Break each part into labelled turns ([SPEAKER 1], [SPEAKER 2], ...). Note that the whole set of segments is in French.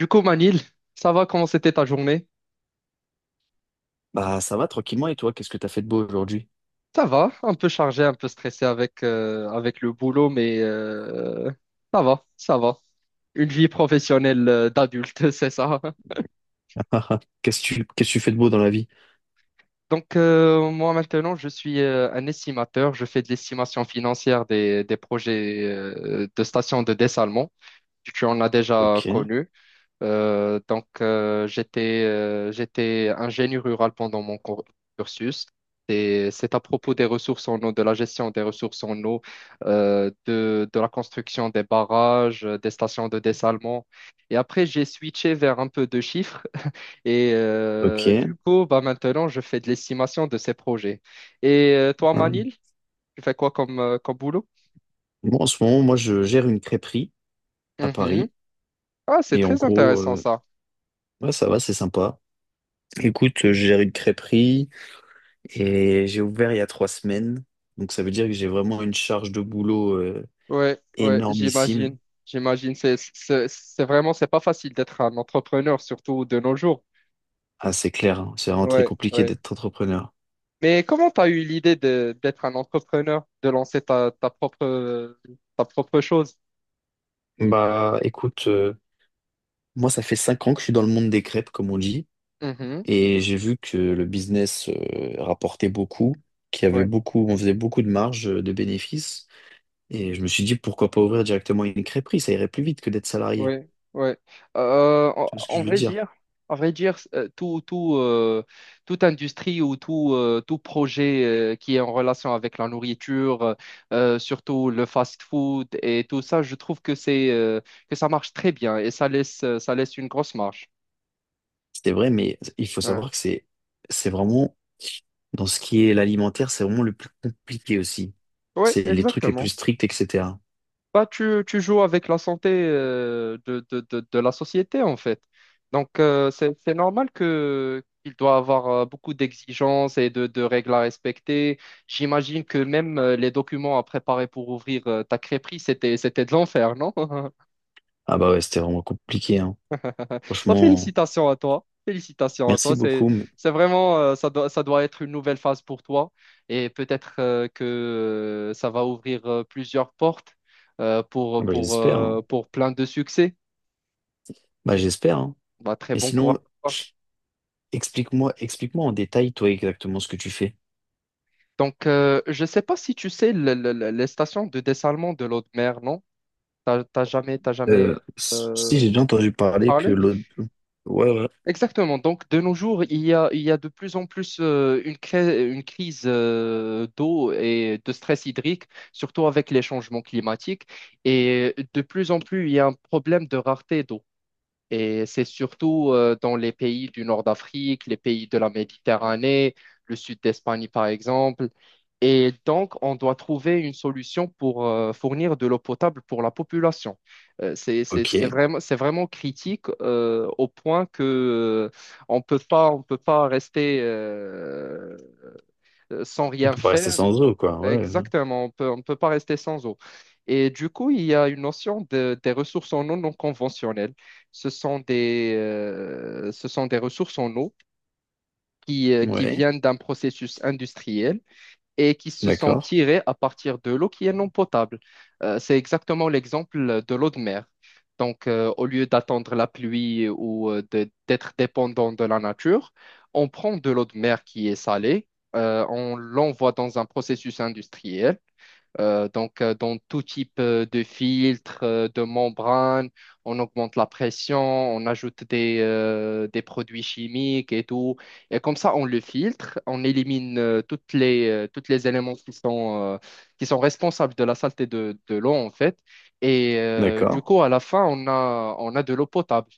[SPEAKER 1] Du coup, Manil, ça va? Comment c'était ta journée?
[SPEAKER 2] Bah ça va tranquillement et toi, qu'est-ce que t'as fait de beau aujourd'hui?
[SPEAKER 1] Ça va, un peu chargé, un peu stressé avec, avec le boulot, mais ça va, ça va. Une vie professionnelle d'adulte, c'est ça.
[SPEAKER 2] Qu'est-ce que tu fais de beau dans la vie?
[SPEAKER 1] Donc, moi maintenant, je suis un estimateur. Je fais de l'estimation financière des projets de stations de dessalement. Tu en as déjà
[SPEAKER 2] Ok,
[SPEAKER 1] connu. J'étais ingénieur rural pendant cursus. Et c'est à propos des ressources en eau, de la gestion des ressources en eau, de la construction des barrages, des stations de dessalement. Et après, j'ai switché vers un peu de chiffres. Et
[SPEAKER 2] ok.
[SPEAKER 1] du coup, bah, maintenant, je fais de l'estimation de ces projets. Et toi,
[SPEAKER 2] Hum.
[SPEAKER 1] Manil, tu fais quoi comme, comme boulot?
[SPEAKER 2] Bon, en ce moment, moi je gère une crêperie à
[SPEAKER 1] Mhm.
[SPEAKER 2] Paris
[SPEAKER 1] Ah, c'est
[SPEAKER 2] et en
[SPEAKER 1] très
[SPEAKER 2] gros,
[SPEAKER 1] intéressant ça.
[SPEAKER 2] ouais, ça va, c'est sympa. Écoute, je gère une crêperie et j'ai ouvert il y a trois semaines, donc ça veut dire que j'ai vraiment une charge de boulot
[SPEAKER 1] Ouais, ouais,
[SPEAKER 2] énormissime.
[SPEAKER 1] j'imagine. J'imagine. C'est vraiment, c'est pas facile d'être un entrepreneur, surtout de nos jours.
[SPEAKER 2] Ah, c'est clair, hein. C'est vraiment très
[SPEAKER 1] Ouais,
[SPEAKER 2] compliqué
[SPEAKER 1] ouais.
[SPEAKER 2] d'être entrepreneur.
[SPEAKER 1] Mais comment t'as eu l'idée d'être un entrepreneur, de lancer ta propre chose?
[SPEAKER 2] Bah écoute, moi ça fait cinq ans que je suis dans le monde des crêpes, comme on dit.
[SPEAKER 1] Mhm.
[SPEAKER 2] Et j'ai vu que le business rapportait beaucoup, qu'il y avait beaucoup, on faisait beaucoup de marge de bénéfices. Et je me suis dit, pourquoi pas ouvrir directement une crêperie? Ça irait plus vite que d'être salarié.
[SPEAKER 1] Ouais, ouais. En,
[SPEAKER 2] Tu vois ce que je veux dire?
[SPEAKER 1] en vrai dire, toute industrie ou tout, tout projet qui est en relation avec la nourriture, surtout le fast-food et tout ça, je trouve que c'est que ça marche très bien et ça laisse une grosse marge.
[SPEAKER 2] C'était vrai, mais il faut
[SPEAKER 1] Ouais,
[SPEAKER 2] savoir que c'est vraiment, dans ce qui est l'alimentaire, c'est vraiment le plus compliqué aussi.
[SPEAKER 1] ouais,
[SPEAKER 2] C'est les trucs les plus
[SPEAKER 1] exactement.
[SPEAKER 2] stricts, etc.
[SPEAKER 1] Bah, tu joues avec la santé de la société, en fait. Donc, c'est normal que qu'il doit avoir beaucoup d'exigences et de règles à respecter. J'imagine que même les documents à préparer pour ouvrir ta crêperie, c'était de l'enfer, non?
[SPEAKER 2] Ah bah ouais, c'était vraiment compliqué, hein.
[SPEAKER 1] Bah,
[SPEAKER 2] Franchement,
[SPEAKER 1] félicitations à toi. Félicitations à
[SPEAKER 2] merci
[SPEAKER 1] toi.
[SPEAKER 2] beaucoup. Mais-
[SPEAKER 1] C'est vraiment, ça doit être une nouvelle phase pour toi. Et peut-être que ça va ouvrir plusieurs portes
[SPEAKER 2] Ah bah j'espère, hein.
[SPEAKER 1] pour plein de succès.
[SPEAKER 2] Bah j'espère, hein.
[SPEAKER 1] Bah, très
[SPEAKER 2] Mais
[SPEAKER 1] bon courage
[SPEAKER 2] sinon,
[SPEAKER 1] à toi.
[SPEAKER 2] explique-moi, explique-moi en détail, toi, exactement ce que tu fais.
[SPEAKER 1] Donc, je ne sais pas si tu sais les stations de dessalement de l'eau de mer, non? T'as jamais
[SPEAKER 2] S- si
[SPEAKER 1] euh,
[SPEAKER 2] j'ai déjà entendu parler que
[SPEAKER 1] parlé?
[SPEAKER 2] l'autre... Ouais, ouais.
[SPEAKER 1] Exactement. Donc, de nos jours, il y a de plus en plus une crise d'eau et de stress hydrique, surtout avec les changements climatiques. Et de plus en plus, il y a un problème de rareté d'eau. Et c'est surtout dans les pays du nord d'Afrique, les pays de la Méditerranée, le sud d'Espagne par exemple. Et donc, on doit trouver une solution pour fournir de l'eau potable pour la population.
[SPEAKER 2] Ok.
[SPEAKER 1] C'est vraiment critique au point que euh, on peut pas rester sans
[SPEAKER 2] On
[SPEAKER 1] rien
[SPEAKER 2] peut pas rester
[SPEAKER 1] faire.
[SPEAKER 2] sans eau, quoi. Ouais.
[SPEAKER 1] Exactement, on ne peut pas rester sans eau. Et du coup, il y a une notion des ressources en eau non conventionnelles. Ce sont des ressources en eau
[SPEAKER 2] Ouais.
[SPEAKER 1] qui
[SPEAKER 2] Ouais.
[SPEAKER 1] viennent d'un processus industriel et qui se sont
[SPEAKER 2] D'accord.
[SPEAKER 1] tirées à partir de l'eau qui est non potable. C'est exactement l'exemple de l'eau de mer. Donc, au lieu d'attendre la pluie ou d'être dépendant de la nature, on prend de l'eau de mer qui est salée, on l'envoie dans un processus industriel dans tout type de filtre, de membrane, on augmente la pression, on ajoute des produits chimiques et tout. Et comme ça, on le filtre, on élimine toutes les éléments qui sont responsables de la saleté de l'eau, en fait. Et du
[SPEAKER 2] D'accord.
[SPEAKER 1] coup, à la fin, on a de l'eau potable.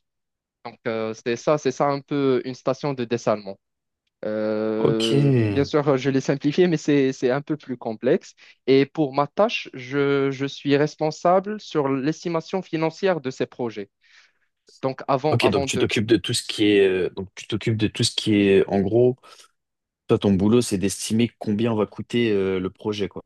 [SPEAKER 1] Donc, c'est ça un peu une station de dessalement.
[SPEAKER 2] Ok.
[SPEAKER 1] Bien sûr, je l'ai simplifié, mais c'est un peu plus complexe. Et pour ma tâche, je suis responsable sur l'estimation financière de ces projets. Donc, avant,
[SPEAKER 2] Ok, donc
[SPEAKER 1] avant
[SPEAKER 2] tu
[SPEAKER 1] de,
[SPEAKER 2] t'occupes de tout ce qui est... donc tu t'occupes de tout ce qui est... En gros, toi, ton boulot, c'est d'estimer combien va coûter le projet, quoi.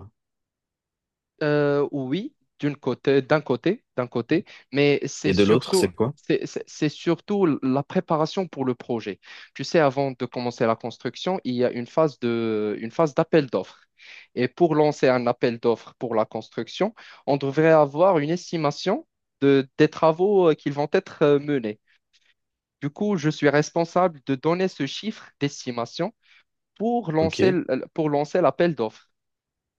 [SPEAKER 1] Oui, d'une côté, d'un côté, mais c'est
[SPEAKER 2] Et de l'autre,
[SPEAKER 1] surtout,
[SPEAKER 2] c'est quoi?
[SPEAKER 1] c'est surtout la préparation pour le projet. Tu sais, avant de commencer la construction, il y a une phase d'appel d'offres. Et pour lancer un appel d'offres pour la construction, on devrait avoir une estimation des travaux qui vont être menés. Du coup, je suis responsable de donner ce chiffre d'estimation pour
[SPEAKER 2] Ok.
[SPEAKER 1] pour lancer l'appel d'offres.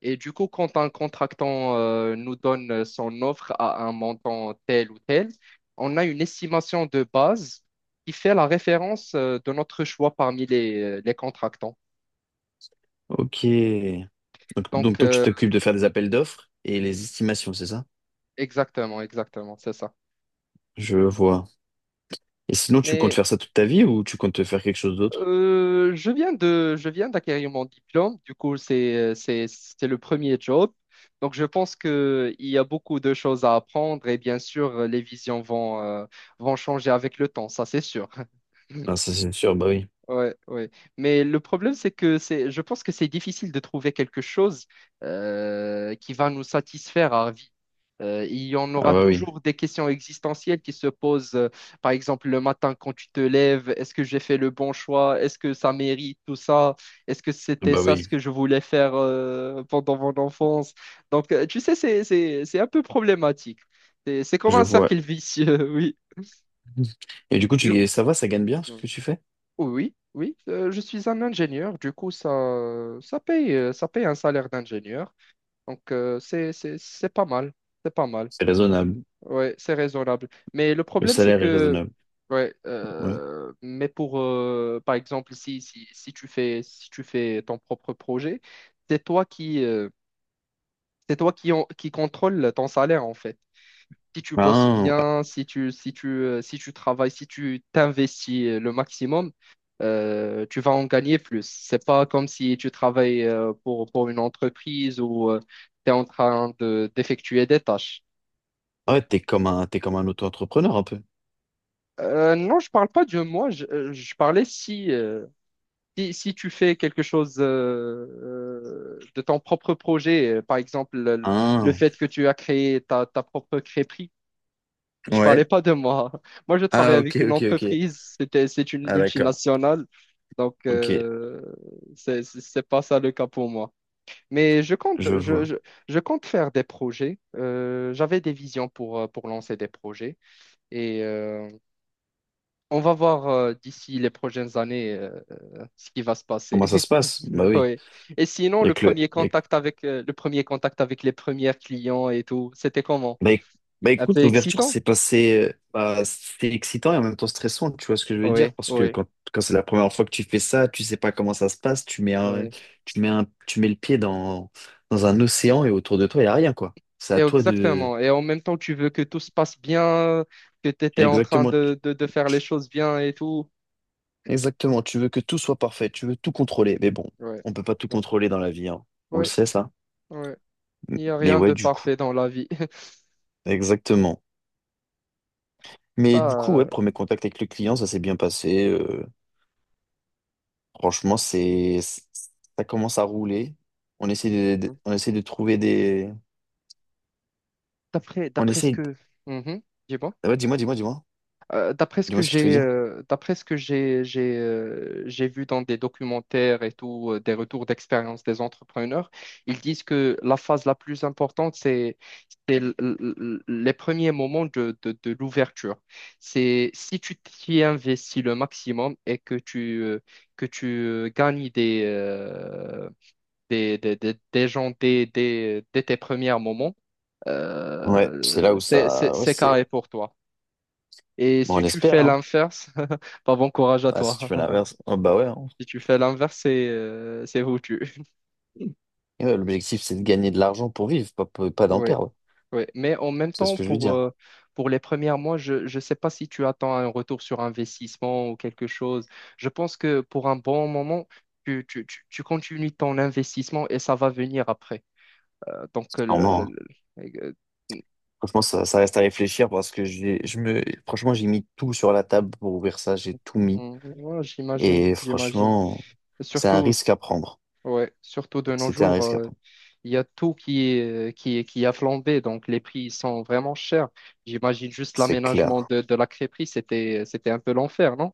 [SPEAKER 1] Et du coup, quand un contractant nous donne son offre à un montant tel ou tel, on a une estimation de base qui fait la référence de notre choix parmi les contractants.
[SPEAKER 2] Ok. Donc
[SPEAKER 1] Donc,
[SPEAKER 2] toi, tu t'occupes de faire des appels d'offres et les estimations, c'est ça?
[SPEAKER 1] exactement, exactement, c'est ça.
[SPEAKER 2] Je vois. Et sinon, tu comptes
[SPEAKER 1] Mais
[SPEAKER 2] faire ça toute ta vie ou tu comptes faire quelque chose d'autre?
[SPEAKER 1] je viens d'acquérir mon diplôme. Du coup, c'est le premier job. Donc, je pense qu'il y a beaucoup de choses à apprendre et bien sûr, vont changer avec le temps, ça c'est sûr.
[SPEAKER 2] Ah, ça, c'est sûr, bah oui.
[SPEAKER 1] Ouais, ouais. Mais le problème, je pense que c'est difficile de trouver quelque chose qui va nous satisfaire à vie. Il y en
[SPEAKER 2] Ah,
[SPEAKER 1] aura
[SPEAKER 2] bah oui.
[SPEAKER 1] toujours des questions existentielles qui se posent, par exemple le matin quand tu te lèves, est-ce que j'ai fait le bon choix? Est-ce que ça mérite tout ça? Est-ce que c'était
[SPEAKER 2] Bah
[SPEAKER 1] ça ce
[SPEAKER 2] oui,
[SPEAKER 1] que je voulais faire pendant mon enfance? Donc, tu sais, c'est un peu problématique. C'est comme
[SPEAKER 2] je
[SPEAKER 1] un cercle
[SPEAKER 2] vois.
[SPEAKER 1] vicieux.
[SPEAKER 2] Et du coup, tu, ça va, ça gagne bien ce
[SPEAKER 1] Oui.
[SPEAKER 2] que tu fais?
[SPEAKER 1] Oui, oui, je suis un ingénieur, du coup ça, ça paye un salaire d'ingénieur, donc c'est pas mal,
[SPEAKER 2] C'est raisonnable.
[SPEAKER 1] ouais, c'est raisonnable. Mais le
[SPEAKER 2] Le
[SPEAKER 1] problème c'est
[SPEAKER 2] salaire est
[SPEAKER 1] que,
[SPEAKER 2] raisonnable.
[SPEAKER 1] ouais,
[SPEAKER 2] Ouais.
[SPEAKER 1] mais pour, par exemple, si tu fais, si tu fais ton propre projet, c'est toi qui, euh, c'est toi qui, qui contrôle ton salaire en fait. Si tu bosses
[SPEAKER 2] Ah,
[SPEAKER 1] bien, si tu travailles, si tu t'investis le maximum, tu vas en gagner plus. C'est pas comme si tu travailles pour une entreprise ou tu es en train de, d'effectuer des tâches.
[SPEAKER 2] ouais, t'es comme un auto-entrepreneur un peu.
[SPEAKER 1] Non, je parle pas de moi, je parlais si, si tu fais quelque chose de ton propre projet, par exemple le
[SPEAKER 2] Ah,
[SPEAKER 1] fait que tu as créé ta propre crêperie. Je parlais
[SPEAKER 2] ouais.
[SPEAKER 1] pas de moi. Moi, je travaille
[SPEAKER 2] Ah, ok,
[SPEAKER 1] avec une
[SPEAKER 2] ok, ok.
[SPEAKER 1] entreprise. C'était, c'est une
[SPEAKER 2] Ah, d'accord.
[SPEAKER 1] multinationale. Donc,
[SPEAKER 2] Ok,
[SPEAKER 1] c'est pas ça le cas pour moi. Mais
[SPEAKER 2] je vois.
[SPEAKER 1] je compte faire des projets. J'avais des visions pour lancer des projets. Et on va voir d'ici les prochaines années ce qui va se passer.
[SPEAKER 2] Comment ça se passe? Bah oui.
[SPEAKER 1] Oui. Et sinon,
[SPEAKER 2] Il y a que le,
[SPEAKER 1] le premier contact avec les premiers clients et tout, c'était comment?
[SPEAKER 2] bah, éc- bah,
[SPEAKER 1] Un
[SPEAKER 2] écoute,
[SPEAKER 1] peu
[SPEAKER 2] l'ouverture
[SPEAKER 1] excitant?
[SPEAKER 2] s'est passée, bah, c'est excitant et en même temps stressant, tu vois ce que je veux dire?
[SPEAKER 1] Oui,
[SPEAKER 2] Parce que
[SPEAKER 1] oui.
[SPEAKER 2] quand c'est la première fois que tu fais ça, tu sais pas comment ça se passe,
[SPEAKER 1] Oui.
[SPEAKER 2] tu mets le pied dans, dans un océan et autour de toi, il n'y a rien, quoi. C'est
[SPEAKER 1] Et
[SPEAKER 2] à toi de...
[SPEAKER 1] exactement. Et en même temps, tu veux que tout se passe bien, que tu étais en train
[SPEAKER 2] Exactement,
[SPEAKER 1] de faire les
[SPEAKER 2] tu-
[SPEAKER 1] choses bien et tout.
[SPEAKER 2] exactement, tu veux que tout soit parfait, tu veux tout contrôler. Mais bon,
[SPEAKER 1] Ouais,
[SPEAKER 2] on peut pas tout contrôler dans la vie, hein. On le sait, ça.
[SPEAKER 1] ouais. Ouais.
[SPEAKER 2] M-
[SPEAKER 1] Il n'y a
[SPEAKER 2] Mais
[SPEAKER 1] rien
[SPEAKER 2] ouais,
[SPEAKER 1] de
[SPEAKER 2] du coup,
[SPEAKER 1] parfait dans la vie.
[SPEAKER 2] exactement. Mais du
[SPEAKER 1] Pas,
[SPEAKER 2] coup, ouais, premier contact avec le client, ça s'est bien passé. Franchement, ça commence à rouler. On essaie on essaie de trouver des,
[SPEAKER 1] d'après,
[SPEAKER 2] on
[SPEAKER 1] d'après ce
[SPEAKER 2] essaie,
[SPEAKER 1] que... Mhm. Dis-moi.
[SPEAKER 2] de- ouais, dis-moi ce que tu veux dire.
[SPEAKER 1] D'après ce que j'ai vu dans des documentaires et tout, des retours d'expérience des entrepreneurs, ils disent que la phase la plus importante, les premiers moments de l'ouverture. C'est si tu t'y investis le maximum et que tu gagnes des gens dès tes premiers moments,
[SPEAKER 2] Ouais, c'est là où ça, ouais,
[SPEAKER 1] c'est
[SPEAKER 2] c'est,
[SPEAKER 1] carré pour toi. Et
[SPEAKER 2] bon,
[SPEAKER 1] si
[SPEAKER 2] on
[SPEAKER 1] tu
[SPEAKER 2] espère,
[SPEAKER 1] fais
[SPEAKER 2] hein.
[SPEAKER 1] l'inverse, pas bon courage à
[SPEAKER 2] Ah, si tu
[SPEAKER 1] toi.
[SPEAKER 2] veux l'inverse, oh, bah ouais, hein.
[SPEAKER 1] Si tu fais l'inverse, c'est foutu.
[SPEAKER 2] Et ouais, l'objectif, c'est de gagner de l'argent pour vivre, pas d'en
[SPEAKER 1] Oui,
[SPEAKER 2] perdre.
[SPEAKER 1] oui. Mais en même
[SPEAKER 2] C'est ce
[SPEAKER 1] temps,
[SPEAKER 2] que je veux dire.
[SPEAKER 1] pour les premiers mois, je ne sais pas si tu attends un retour sur investissement ou quelque chose. Je pense que pour un bon moment, tu continues ton investissement et ça va venir après. Euh, donc, euh, le- le-
[SPEAKER 2] Normalement, hein.
[SPEAKER 1] le- euh,
[SPEAKER 2] Franchement, ça reste à réfléchir parce que franchement, j'ai mis tout sur la table pour ouvrir ça, j'ai tout mis.
[SPEAKER 1] mm, ouais, j'imagine,
[SPEAKER 2] Et
[SPEAKER 1] j'imagine.
[SPEAKER 2] franchement, c'est un
[SPEAKER 1] Surtout,
[SPEAKER 2] risque à prendre.
[SPEAKER 1] ouais, surtout de nos
[SPEAKER 2] C'était un
[SPEAKER 1] jours.
[SPEAKER 2] risque à prendre.
[SPEAKER 1] Il y a tout qui est, qui a flambé, donc les prix ils sont vraiment chers. J'imagine juste
[SPEAKER 2] C'est
[SPEAKER 1] l'aménagement
[SPEAKER 2] clair.
[SPEAKER 1] de la crêperie, c'était un peu l'enfer, non?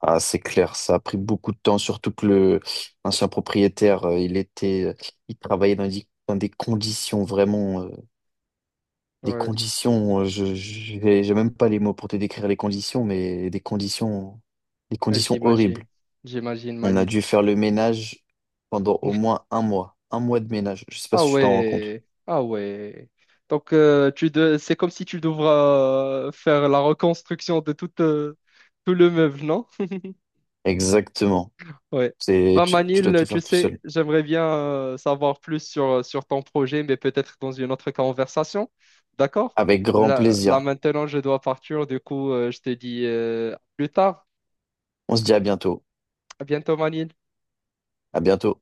[SPEAKER 2] Ah, c'est clair, ça a pris beaucoup de temps, surtout que le l'ancien propriétaire, il était, il travaillait dans des conditions vraiment, des
[SPEAKER 1] Ouais,
[SPEAKER 2] conditions, j'ai même pas les mots pour te décrire les conditions, mais des conditions horribles.
[SPEAKER 1] j'imagine, j'imagine
[SPEAKER 2] On a
[SPEAKER 1] Manil.
[SPEAKER 2] dû faire le ménage pendant au moins un mois de ménage. Je sais pas
[SPEAKER 1] Ah
[SPEAKER 2] si tu t'en rends compte.
[SPEAKER 1] ouais, ah ouais. Donc tu de... c'est comme si tu devras faire la reconstruction de tout, tout le meuble, non?
[SPEAKER 2] Exactement.
[SPEAKER 1] Ouais. Bah
[SPEAKER 2] Tu dois
[SPEAKER 1] Manil,
[SPEAKER 2] tout
[SPEAKER 1] tu
[SPEAKER 2] faire tout
[SPEAKER 1] sais,
[SPEAKER 2] seul.
[SPEAKER 1] j'aimerais bien savoir plus sur, sur ton projet, mais peut-être dans une autre conversation. D'accord?
[SPEAKER 2] Avec grand
[SPEAKER 1] Là, là
[SPEAKER 2] plaisir.
[SPEAKER 1] maintenant, je dois partir. Du coup, je te dis à plus tard.
[SPEAKER 2] On se dit à bientôt.
[SPEAKER 1] À bientôt, Manil.
[SPEAKER 2] À bientôt.